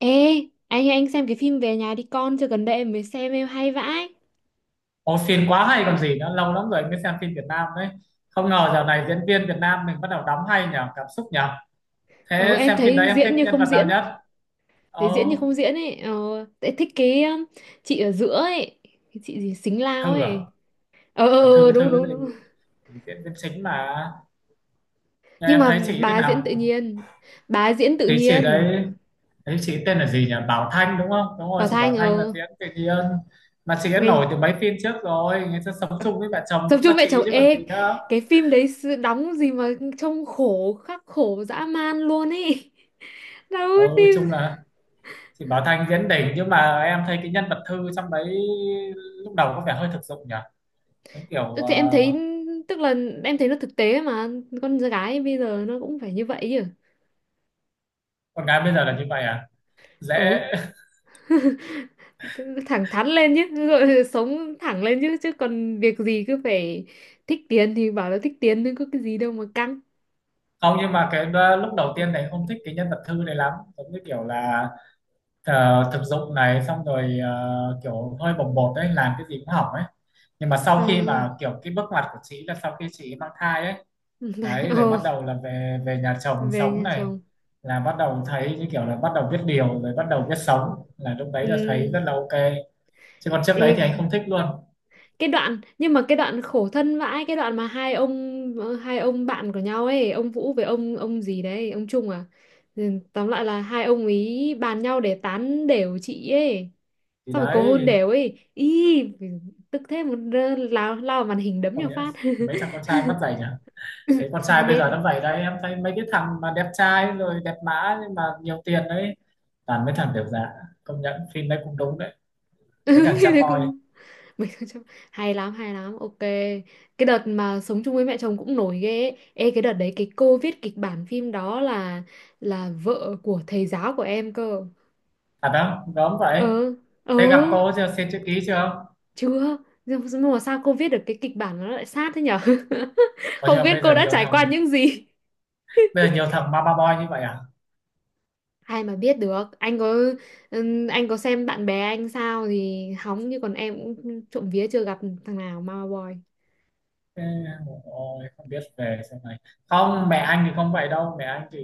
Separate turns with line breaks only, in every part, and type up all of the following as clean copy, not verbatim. Ê, anh xem cái phim Về nhà đi con chưa? Gần đây em mới xem, em hay vãi.
Ồ, phim quá hay còn gì nữa, lâu lắm rồi mới xem phim Việt Nam đấy. Không ngờ dạo này diễn viên Việt Nam mình bắt đầu đóng hay nhở, cảm xúc nhở.
Ờ,
Thế
em
xem phim đấy
thấy
em
diễn
thích
như
nhân
không
vật nào
diễn,
nhất?
thấy diễn như
Ồ,
không diễn ấy. Ờ, em thích cái chị ở giữa ấy, cái chị gì Xính Lao
Thư
ấy.
à?
Ờ
À
ờ, ờ,
Thư,
đúng
Thư
đúng
thì,
đúng.
thì diễn viên chính mà. Nhưng
Nhưng
em
mà
thấy chị thế
bà diễn tự
nào?
nhiên. Bà diễn tự
Thì chị
nhiên.
đấy, thấy chị tên là gì nhỉ? Bảo Thanh đúng không? Đúng rồi,
Bảo
chị Bảo
Thanh,
Thanh là diễn tự nhiên. Mà chị đã nổi
ngày,
từ mấy phim trước rồi, người ta sống
ờ,
chung với mẹ chồng
tập
cũng là
trung mẹ
chị
chồng,
chứ còn gì nữa.
cái phim đấy, đóng gì mà trông khắc khổ dã man luôn ấy. Đâu
Ừ,
phim
chung là chị Bảo Thanh diễn đỉnh, nhưng mà em thấy cái nhân vật Thư trong đấy lúc đầu có vẻ hơi thực dụng nhỉ, giống kiểu
Ừ, thì em thấy, tức là em thấy nó thực tế mà con gái bây giờ nó cũng phải như vậy chứ.
con gái bây giờ là như vậy à, dễ.
Ừ, thẳng thắn lên chứ, rồi sống thẳng lên chứ chứ còn việc gì cứ phải thích tiền thì bảo là thích tiền, nhưng có cái gì đâu mà căng.
Không, nhưng mà lúc đầu tiên này không thích cái nhân vật Thư này lắm, giống như kiểu là thực dụng này, xong rồi kiểu hơi bồng bột đấy, làm cái gì cũng hỏng ấy. Nhưng mà
À,
sau khi mà kiểu cái bước ngoặt của chị là sau khi chị mang thai ấy, đấy rồi
ồ,
bắt đầu là về về nhà chồng
về
sống
nhà
này,
chồng.
là bắt đầu thấy như kiểu là bắt đầu biết điều rồi, bắt đầu biết sống, là lúc đấy là
Ừ,
thấy rất là ok, chứ còn trước
ê,
đấy thì anh không thích luôn.
cái đoạn nhưng mà cái đoạn khổ thân vãi, cái đoạn mà hai ông bạn của nhau ấy, ông Vũ với ông gì đấy, ông Trung à? Ừ, tóm lại là hai ông ý bàn nhau để tán đều chị ấy,
Thì
xong rồi cầu hôn
đấy
đều ấy ý, tức thế một lao lao vào màn hình đấm nhau
không nhẽ
phát.
mấy thằng con trai mắt dày nhỉ. Thấy con
Mà
trai bây
nết.
giờ nó dày đấy, em thấy mấy cái thằng mà đẹp trai rồi đẹp mã nhưng mà nhiều tiền đấy, toàn mấy thằng tiểu dạ. Công nhận phim đấy cũng đúng đấy, mấy
Ừ,
thằng
phim
sad
đấy cũng
boy.
đúng. Mình không chấp- hay lắm hay lắm, ok. Cái đợt mà sống chung với mẹ chồng cũng nổi ghê ấy. Ê, cái đợt đấy cái cô viết kịch bản phim đó là vợ của thầy giáo của em cơ.
À đó gớm vậy,
Ừ, ừ,
thế gặp cô chưa, xin chữ ký chưa?
chưa, nhưng mà sao cô viết được cái kịch bản mà nó lại sát thế nhở?
Còn
Không
nhưng mà
biết
bây
cô
giờ
đã
nhiều
trải qua
thằng,
những gì.
bây giờ nhiều thằng mama boy như vậy à?
Ai mà biết được, anh có xem bạn bè anh sao thì hóng, như còn em cũng trộm vía chưa gặp thằng nào mama boy.
Thế, ôi, không biết về sau này, không mẹ anh thì không vậy đâu, mẹ anh thì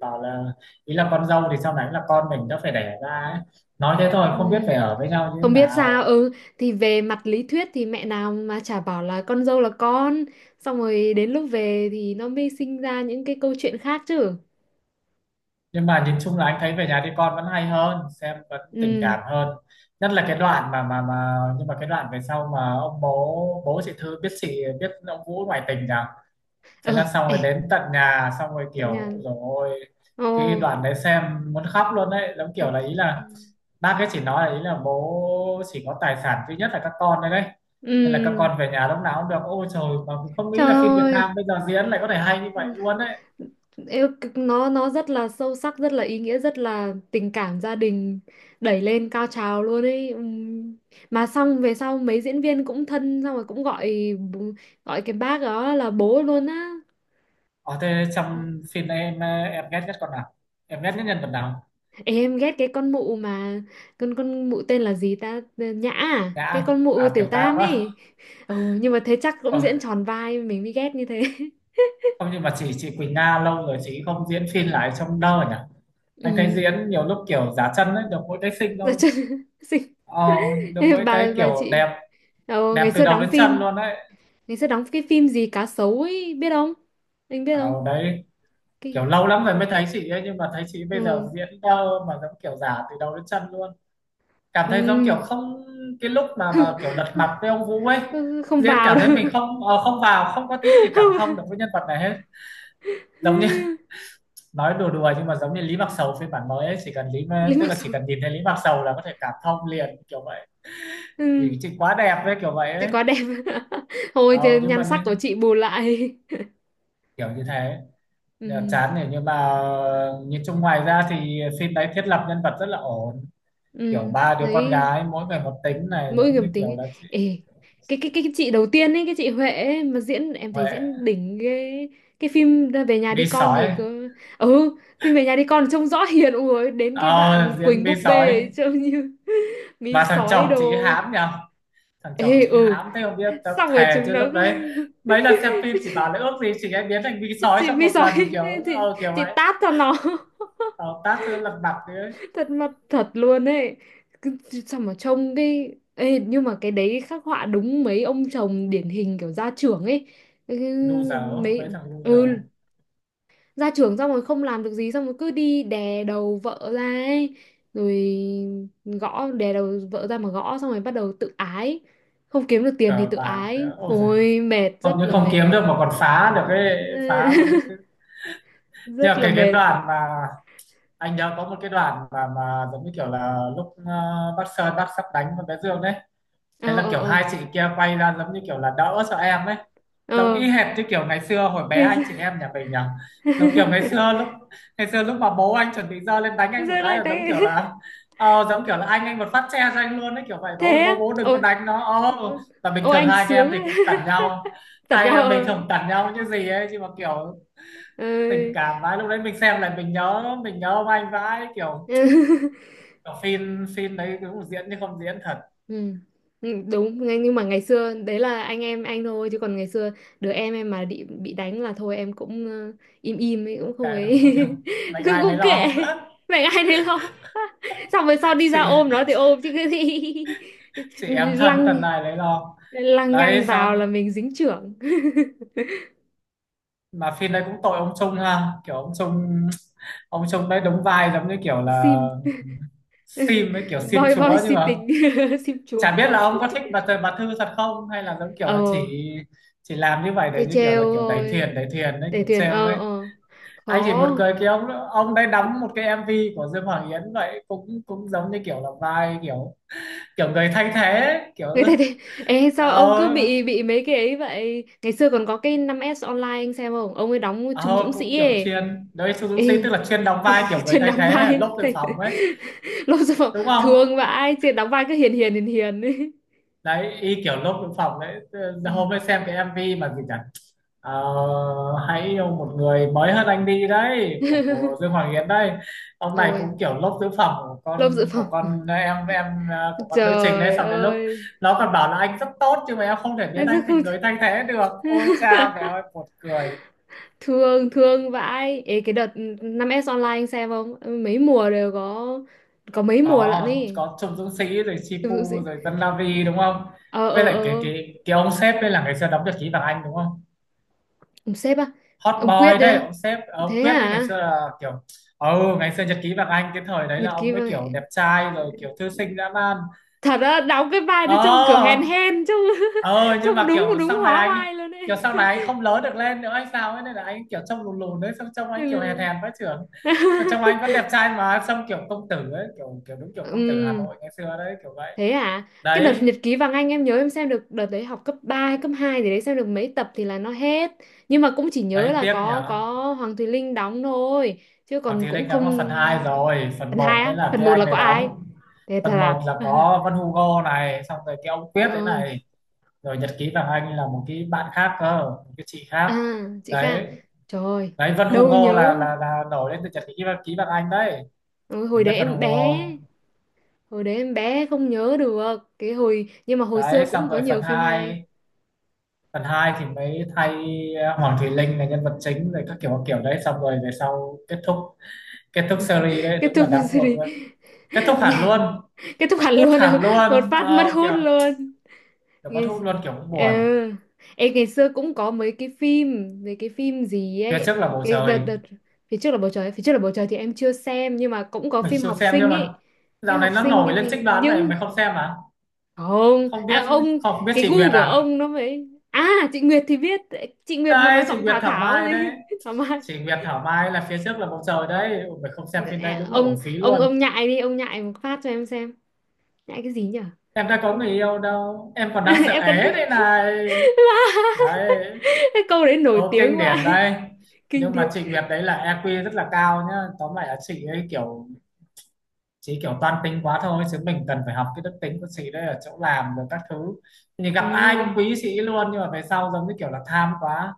bảo là ý là con dâu thì sau này là con mình đã phải đẻ ra ấy. Nói thế thôi không biết
Ừ.
phải ở với nhau như thế
Không biết sao,
nào.
ừ thì về mặt lý thuyết thì mẹ nào mà chả bảo là con dâu là con, xong rồi đến lúc về thì nó mới sinh ra những cái câu chuyện khác chứ.
Nhưng mà nhìn chung là anh thấy Về nhà đi con vẫn hay hơn, xem vẫn tình
Ừ.
cảm hơn. Nhất là cái đoạn mà mà nhưng mà cái đoạn về sau mà ông bố, bố chị Thư biết, chị biết ông Vũ ngoại tình nhỉ.
Ờ.
Thế là xong
Ê.
rồi đến tận nhà, xong rồi kiểu
Tận nhà.
rồi ôi,
Ồ.
cái đoạn đấy xem muốn khóc luôn đấy, giống kiểu
Khóc.
là ý
Ừ.
là bác ấy chỉ nói là ý là bố chỉ có tài sản duy nhất là các con đấy đấy, nên là các
Ừ,
con về nhà lúc nào cũng được. Ôi trời, mà không
trời
nghĩ là phim Việt Nam
ơi.
bây giờ diễn lại có thể hay như vậy
Ừ.
luôn đấy.
Yêu- nó rất là sâu sắc, rất là ý nghĩa, rất là tình cảm gia đình đẩy lên cao trào luôn ấy. Ừm. Mà xong về sau mấy diễn viên cũng thân, xong rồi cũng gọi bố- gọi cái bác đó là bố luôn á.
Ở thế trong phim này em ghét nhất con nào, em ghét nhất nhân vật nào?
Ê, em ghét cái con mụ mà con mụ tên là gì ta? Ờ, Nhã à? Cái
Nhã
con mụ
à,
tiểu
Tiểu Tam
tam
á.
ấy. Ừ, nhưng mà thế chắc
Ờ
cũng diễn tròn vai, mình mới ghét như thế.
không, nhưng mà chị Quỳnh Nga lâu rồi chị không diễn phim lại trong đâu nhỉ. Anh thấy
Ừ.
diễn nhiều lúc kiểu giả chân ấy, được mỗi cái xinh
Dạ,
thôi.
chứ-
Ờ, được mỗi cái
bà
kiểu
chị,
đẹp,
ờ, ngày
đẹp từ
xưa
đầu
đóng
đến chân
phim.
luôn đấy.
Mình sẽ đóng cái phim gì cá sấu ấy, biết không? Anh biết
Ờ,
không?
đấy kiểu
Cái—
lâu lắm rồi mới thấy chị ấy, nhưng mà thấy chị bây giờ
Ừ.
diễn đâu mà, giống kiểu giả từ đầu đến chân luôn, cảm thấy giống
Ừ.
kiểu không. Cái lúc mà kiểu lật mặt với ông Vũ ấy,
Ừ, không
diễn
vào
cảm thấy mình
được.
không không vào, không có tí gì cảm
Không vào.
thông được với nhân vật này hết. Giống như nói đùa đùa, nhưng mà giống như Lý Mạc Sầu phiên bản mới ấy, chỉ cần
Lý
Tức
mặc
là
dù—
chỉ cần nhìn thấy Lý Mạc Sầu là có thể cảm thông liền kiểu vậy.
Ừ.
Vì chị quá đẹp với kiểu vậy
Chị
ấy.
quá đẹp. Thôi
ờ,
thì
nhưng
nhan
mà
sắc của
như,
chị bù lại.
Kiểu như thế. Dạ,
Ừ.
chán này, nhưng mà nhìn chung ngoài ra thì phim đấy thiết lập nhân vật rất là ổn, kiểu
Ừ.
ba đứa con
Thấy
gái mỗi người một tính này,
mỗi
giống
người một
như kiểu
tính,
là chị
ê cái chị đầu tiên ấy, cái chị Huệ ấy, mà diễn, em thấy
Huệ
diễn đỉnh, cái phim Về nhà đi
vi
con thì
sói.
cứ, ừ, phim Về nhà đi con trông rõ hiền ui, đến cái
Ờ,
đoạn
diễn
Quỳnh
vi
búp bê
sói
ấy, trông như mí
mà thằng
sói
chồng
đồ,
chị hãm nhở. Thằng chồng
ê,
chị
ừ,
hãm thế không biết, tao
xong rồi
thề
chúng
chứ
nó
lúc đấy mấy lần xem phim chỉ bảo là ước gì chị ấy biến thành vi sói
chị
trong
mí
một
sói,
lần kiểu
chị
kiểu
chị
vậy.
tát cho nó,
Ờ, tát cho nó lật mặt đi ấy.
thật mặt thật luôn ấy. Cứ- sao mà trông cái. Ê, nhưng mà cái đấy khắc họa đúng mấy ông chồng điển hình kiểu gia trưởng ấy. Ừ,
Loser,
mấy,
mấy thằng
ừ
loser,
gia trưởng xong rồi không làm được gì, xong rồi cứ đi đè đầu vợ ra ấy, rồi gõ đè đầu vợ ra mà gõ, xong rồi bắt đầu tự ái, không kiếm được tiền thì
cờ
tự
bạc
ái,
nữa ôi giời,
ôi mệt, rất
không những
là
không
mệt.
kiếm được mà còn phá được, cái phá luôn đấy chứ. Thế
Rất
là
là
cái
mệt.
đoạn mà, anh nhớ có một cái đoạn mà giống như kiểu là lúc bác Sơn, bác sắp đánh con bé Dương đấy.
Ờ,
Thế là
ờ,
kiểu
ờ,
hai chị kia quay ra giống như kiểu là đỡ cho em ấy, giống
ờ.
y hệt như kiểu ngày xưa hồi bé
Ngày
anh
xưa-
chị em nhà mình nhỉ. Giống kiểu ngày xưa lúc, ngày xưa lúc mà bố anh chuẩn bị giơ lên đánh anh một
Rơi
cái
lại
là giống
đấy.
kiểu là giống kiểu là anh một phát che cho anh luôn ấy, kiểu vậy. Bố
Thế
ơi,
á.
bố bố đừng có
Ồ.
đánh nó ờ.
Vâng.
Và bình
Ô
thường
anh
hai anh em
sướng
thì
ấy.
cũng cẩn nhau,
Tận
hai anh
nhau
em bình
ờ.
thường cẩn nhau như gì ấy, nhưng mà kiểu tình
Ơi.
cảm vãi lúc đấy, mình xem lại mình nhớ, mình nhớ ông anh vãi kiểu, kiểu phim phim đấy cũng diễn chứ không diễn thật.
Ừ. Ừ, đúng ngay- nhưng mà ngày xưa đấy là anh em anh thôi, chứ còn ngày xưa đứa em mà bị đánh là thôi, em cũng im im ấy, cũng không
Kệ đúng
ấy.
không, kiểu mệnh
cũng
ai lấy
cũng kệ
lo.
mẹ ai đấy lo. Xong rồi sau đi
chị
ra ôm nó thì ôm chứ cái gì.
chị em thân,
lăng
thân này lấy lo.
lăng nhăng
Đấy
vào
xong,
là mình dính chưởng.
mà phim đấy cũng tội ông Trung ha, kiểu ông Trung, ông Trung đấy đóng vai giống như kiểu là
Sim.
sim ấy, kiểu sim
boy boy
chúa chứ
si
mà.
tình. Sim chúa
Chả biết
thật.
là ông có thích bà Thư thật không, hay là giống kiểu
Ờ,
là chỉ làm như vậy để
để
như kiểu là
trêu
kiểu đẩy
thôi,
thuyền, đẩy thuyền đấy,
để
kiểu
thuyền,
trêu
ờ,
đấy.
ờ,
Anh chỉ một
khó.
cười, cái ông đấy đóng một cái MV của Dương Hoàng Yến vậy, cũng cũng giống như kiểu là vai kiểu, kiểu người thay thế kiểu.
Người ta thì ê, sao
ờ
ông cứ bị mấy cái ấy vậy? Ngày xưa còn có cái 5S Online, anh xem không? Ông ấy đóng Trung
ờ
Dũng
Cũng
Sĩ
kiểu
ấy.
chuyên đấy,
Ê,
Suzuki tức là chuyên đóng vai kiểu người
chuyên
thay
đóng
thế hay là
vai
lốp dự
thầy.
phòng ấy.
Lúc sau
Đúng không,
thương vãi, chuyên đóng vai cứ hiền hiền hiền hiền ấy.
đấy y kiểu lốp dự phòng đấy.
Ừ.
Ờ, hôm ấy xem cái MV mà gì nhỉ. Ờ, hãy yêu một người mới hơn anh đi đấy của Dương Hoàng Yến đấy. Ông này
Ôi
cũng kiểu lốp tứ phẩm của
lông dự phòng,
con em. Ờ, của con nữ trình đấy,
trời
xong đến lúc
ơi,
nó còn bảo là anh rất tốt nhưng mà em không thể biến
em
anh
rất không.
thành người thay thế được, ôi cha mẹ ơi buồn cười.
Thương thương vãi. Ê, cái đợt 5S Online anh xem không? Ừ, mấy mùa đều có mấy mùa lận
có
ý.
có Trung Dũng Sĩ rồi
Dụ
Chipu
gì-
rồi Dân La Vi đúng không,
ờ,
với
ờ,
lại cái
ờ,
cái cái ông sếp đây là ngày xưa đóng được Chí Vàng Anh đúng không,
ông sếp à?
hot
Ông Quyết
boy
đấy
đấy.
à?
Ông sếp ông
Thế
Quyết đấy ngày
à?
xưa là kiểu, ừ ngày xưa Nhật ký Vàng Anh cái thời đấy
Nhật
là
ký
ông mới kiểu
vậy?
đẹp trai rồi kiểu thư sinh dã man.
Thật á? Đóng cái vai nó trông kiểu
ờ
hèn hèn, trông
nhưng
trông
mà
đúng
kiểu
đúng
sau này
hóa
anh,
vai luôn
kiểu
ấy.
sau này anh không lớn được lên nữa hay sao ấy, nên là anh kiểu trông lùn lùn đấy, xong trông anh kiểu hèn
Ừ.
hèn với trưởng. Xong trông anh vẫn đẹp trai mà, xong kiểu công tử ấy, kiểu kiểu đúng kiểu công tử Hà
Ừ,
Nội ngày xưa đấy kiểu vậy.
thế à? Cái đợt
Đấy
Nhật ký Vàng Anh, em nhớ em xem được đợt đấy học cấp 3 hay cấp 2 gì đấy, xem được mấy tập thì là nó hết. Nhưng mà cũng chỉ nhớ
đấy
là
tiếc nhỉ.
có Hoàng Thùy Linh đóng thôi, chứ
Hoàng
còn
Thùy
cũng
Linh
không.
đóng là phần 2 rồi, phần
Phần 2
một mới
á?
là
Phần
cái
một
anh
là có
đấy
ai?
đóng.
Thế thật
Phần
à?
một là có Vân Hugo này, xong rồi cái ông Quyết đấy
Ờ.
này, rồi Nhật ký Vàng Anh là một cái bạn khác cơ, một cái chị
À,
khác.
chị Kha.
Đấy
Trời ơi,
đấy Vân
đâu
Hugo là
nhớ.
là nổi lên từ Nhật ký vàng ký Vàng Anh đấy.
Ừ,
Mình biết Vân Hugo.
hồi đấy em bé không nhớ được. Cái hồi nhưng mà hồi
Đấy
xưa cũng
xong
có
rồi
nhiều
phần
phim hay.
hai, phần 2 thì mới thay Hoàng Thùy Linh là nhân vật chính rồi các kiểu đấy, xong rồi về sau kết thúc, kết thúc series đấy
Kết
đúng là
thúc
đáng buồn
series.
luôn. Kết thúc hẳn luôn,
Kết thúc hẳn
cút
luôn,
hẳn
một
luôn
phát mất
ờ,
hút
kìa
luôn.
kiểu bắt hút
Ngày—
luôn kiểu cũng
Ờ.
buồn.
Ê, ngày xưa cũng có mấy cái phim gì
Phía
ấy,
trước là bầu
cái đợt
trời,
đợt Phía trước là bầu trời thì em chưa xem, nhưng mà cũng có
mình
phim
chưa
học
xem nhưng
sinh
mà
ấy. Phim
dạo
học
này nó
sinh
nổi
cái
lên
gì
trích đoán này,
nhưng,
mày không xem à?
không
Không
à,
biết,
ông,
không biết
cái
chị Nguyệt
gu của
à.
ông nó phải. À, chị Nguyệt thì biết. Chị Nguyệt mà nói
Đây chị
giọng
Nguyệt
Thảo,
Thảo
Thảo
Mai
gì?
đấy,
Thảo Mai.
chị Nguyệt Thảo Mai là Phía trước là bầu trời đấy. Ôi, mày không xem phim đấy
À,
đúng là
ông
uổng phí
ông
luôn.
ông nhại đi, ông nhại một phát cho em xem. Nhại cái gì nhở?
Em đã có người yêu đâu, em còn đang sợ
Em cần.
é đây này. Đấy
Cái câu đấy nổi
câu
tiếng
kinh điển
quá.
đây.
Kinh
Nhưng mà
điển.
chị Nguyệt đấy là EQ rất là cao nhá, tóm lại là chị ấy kiểu, chị kiểu toan tính quá thôi, chứ mình cần phải học cái đức tính của chị đấy ở chỗ làm rồi các thứ, thì gặp ai cũng
Ừ,
quý chị luôn, nhưng mà về sau giống như kiểu là tham quá.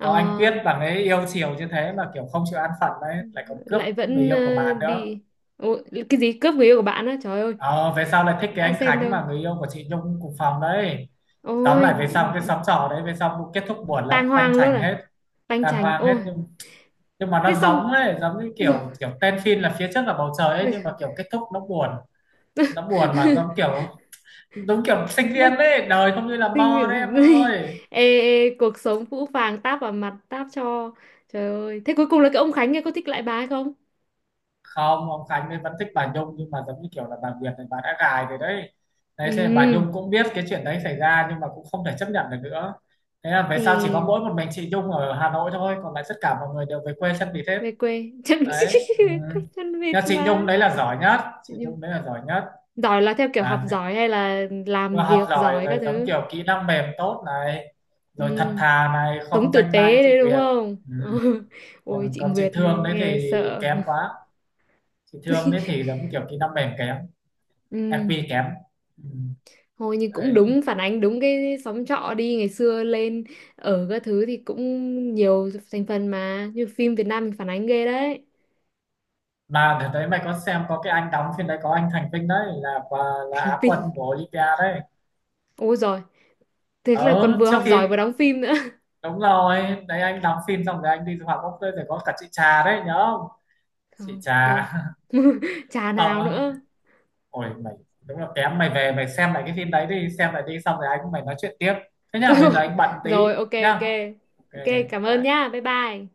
Có anh
à,
Quyết bằng ấy yêu chiều như thế mà kiểu không chịu an phận đấy, lại còn cướp
lại
người
vẫn
yêu của bạn nữa.
đi. Ủa, cái gì cướp người yêu của bạn á, trời ơi,
Ờ, về sau lại thích cái
đã
anh
xem
Khánh
đâu.
mà người yêu của chị Nhung cùng phòng đấy. Tóm
Ôi
lại về sau cái xóm trọ đấy về sau kết thúc buồn lắm,
tang
banh
hoang luôn
chành
à,
hết,
tanh
tàn
chành
hoang hết.
ôi.
Nhưng mà nó
Thế xong
giống ấy, giống như
rồi.
kiểu, kiểu tên phim là Phía trước là bầu trời ấy, nhưng mà kiểu kết thúc nó buồn, nó buồn mà giống kiểu, giống kiểu sinh viên
Nó-
đấy, đời không như là mơ đấy em ơi.
ê, ê, cuộc sống phũ phàng táp vào mặt, táp cho. Trời ơi, thế cuối cùng là cái ông Khánh kia có thích lại bà hay không?
Không, ông Khánh ấy vẫn thích bà Nhung nhưng mà giống như kiểu là bà Việt này bà đã gài rồi đấy. Đấy
Ừ,
thế bà Nhung cũng biết cái chuyện đấy xảy ra, nhưng mà cũng không thể chấp nhận được nữa. Thế là về sau chỉ có
ê,
mỗi một mình chị Nhung ở Hà Nội thôi, còn lại tất cả mọi người đều về quê sân vì thế.
về quê. Chân
Đấy ừ.
về quê chân vịt
Nhưng chị Nhung
mà.
đấy là giỏi nhất, chị
Nhưng-
Nhung đấy là giỏi nhất,
giỏi là theo kiểu học
là
giỏi hay là làm
vừa học
việc
giỏi
giỏi các
rồi, giống
thứ?
kiểu kỹ năng mềm tốt này,
Ừ,
rồi thật thà này,
sống
không
tử
danh ma như
tế đấy
chị
đúng
Việt.
không?
Ừ.
Ôi
Còn
chị
còn chị
Nguyệt
Thương đấy
nghe
thì
sợ.
kém quá, chị Thương đấy thì giống như kiểu kỹ năng mềm kém,
Ừ,
EQ kém. Ừ.
thôi nhưng cũng
Đấy
đúng, phản ánh đúng cái xóm trọ đi ngày xưa lên ở các thứ thì cũng nhiều thành phần, mà như phim Việt Nam mình phản ánh ghê đấy.
mà đợt đấy mày có xem, có cái anh đóng phim đấy, có anh Thành Vinh đấy là quả, là
Thành
Á quân
tinh,
của Olympia đấy.
ôi giời, thế là còn
Ờ
vừa
trước
học
khi,
giỏi vừa đóng phim nữa.
đúng rồi đấy anh đóng phim xong rồi anh đi du học bốc, rồi có cả chị Trà đấy nhớ không. Chị
Không
Trà
không. Chả
không
nào
á.
nữa.
Ôi mày đúng là kém, mày về mày xem lại cái phim đấy đi, xem lại đi xong rồi anh với mày nói chuyện tiếp. Thế nhá bây giờ anh bận tí
Rồi, ok,
nhá,
ok,
ok
ok, cảm ơn
bye.
nhá, bye bye.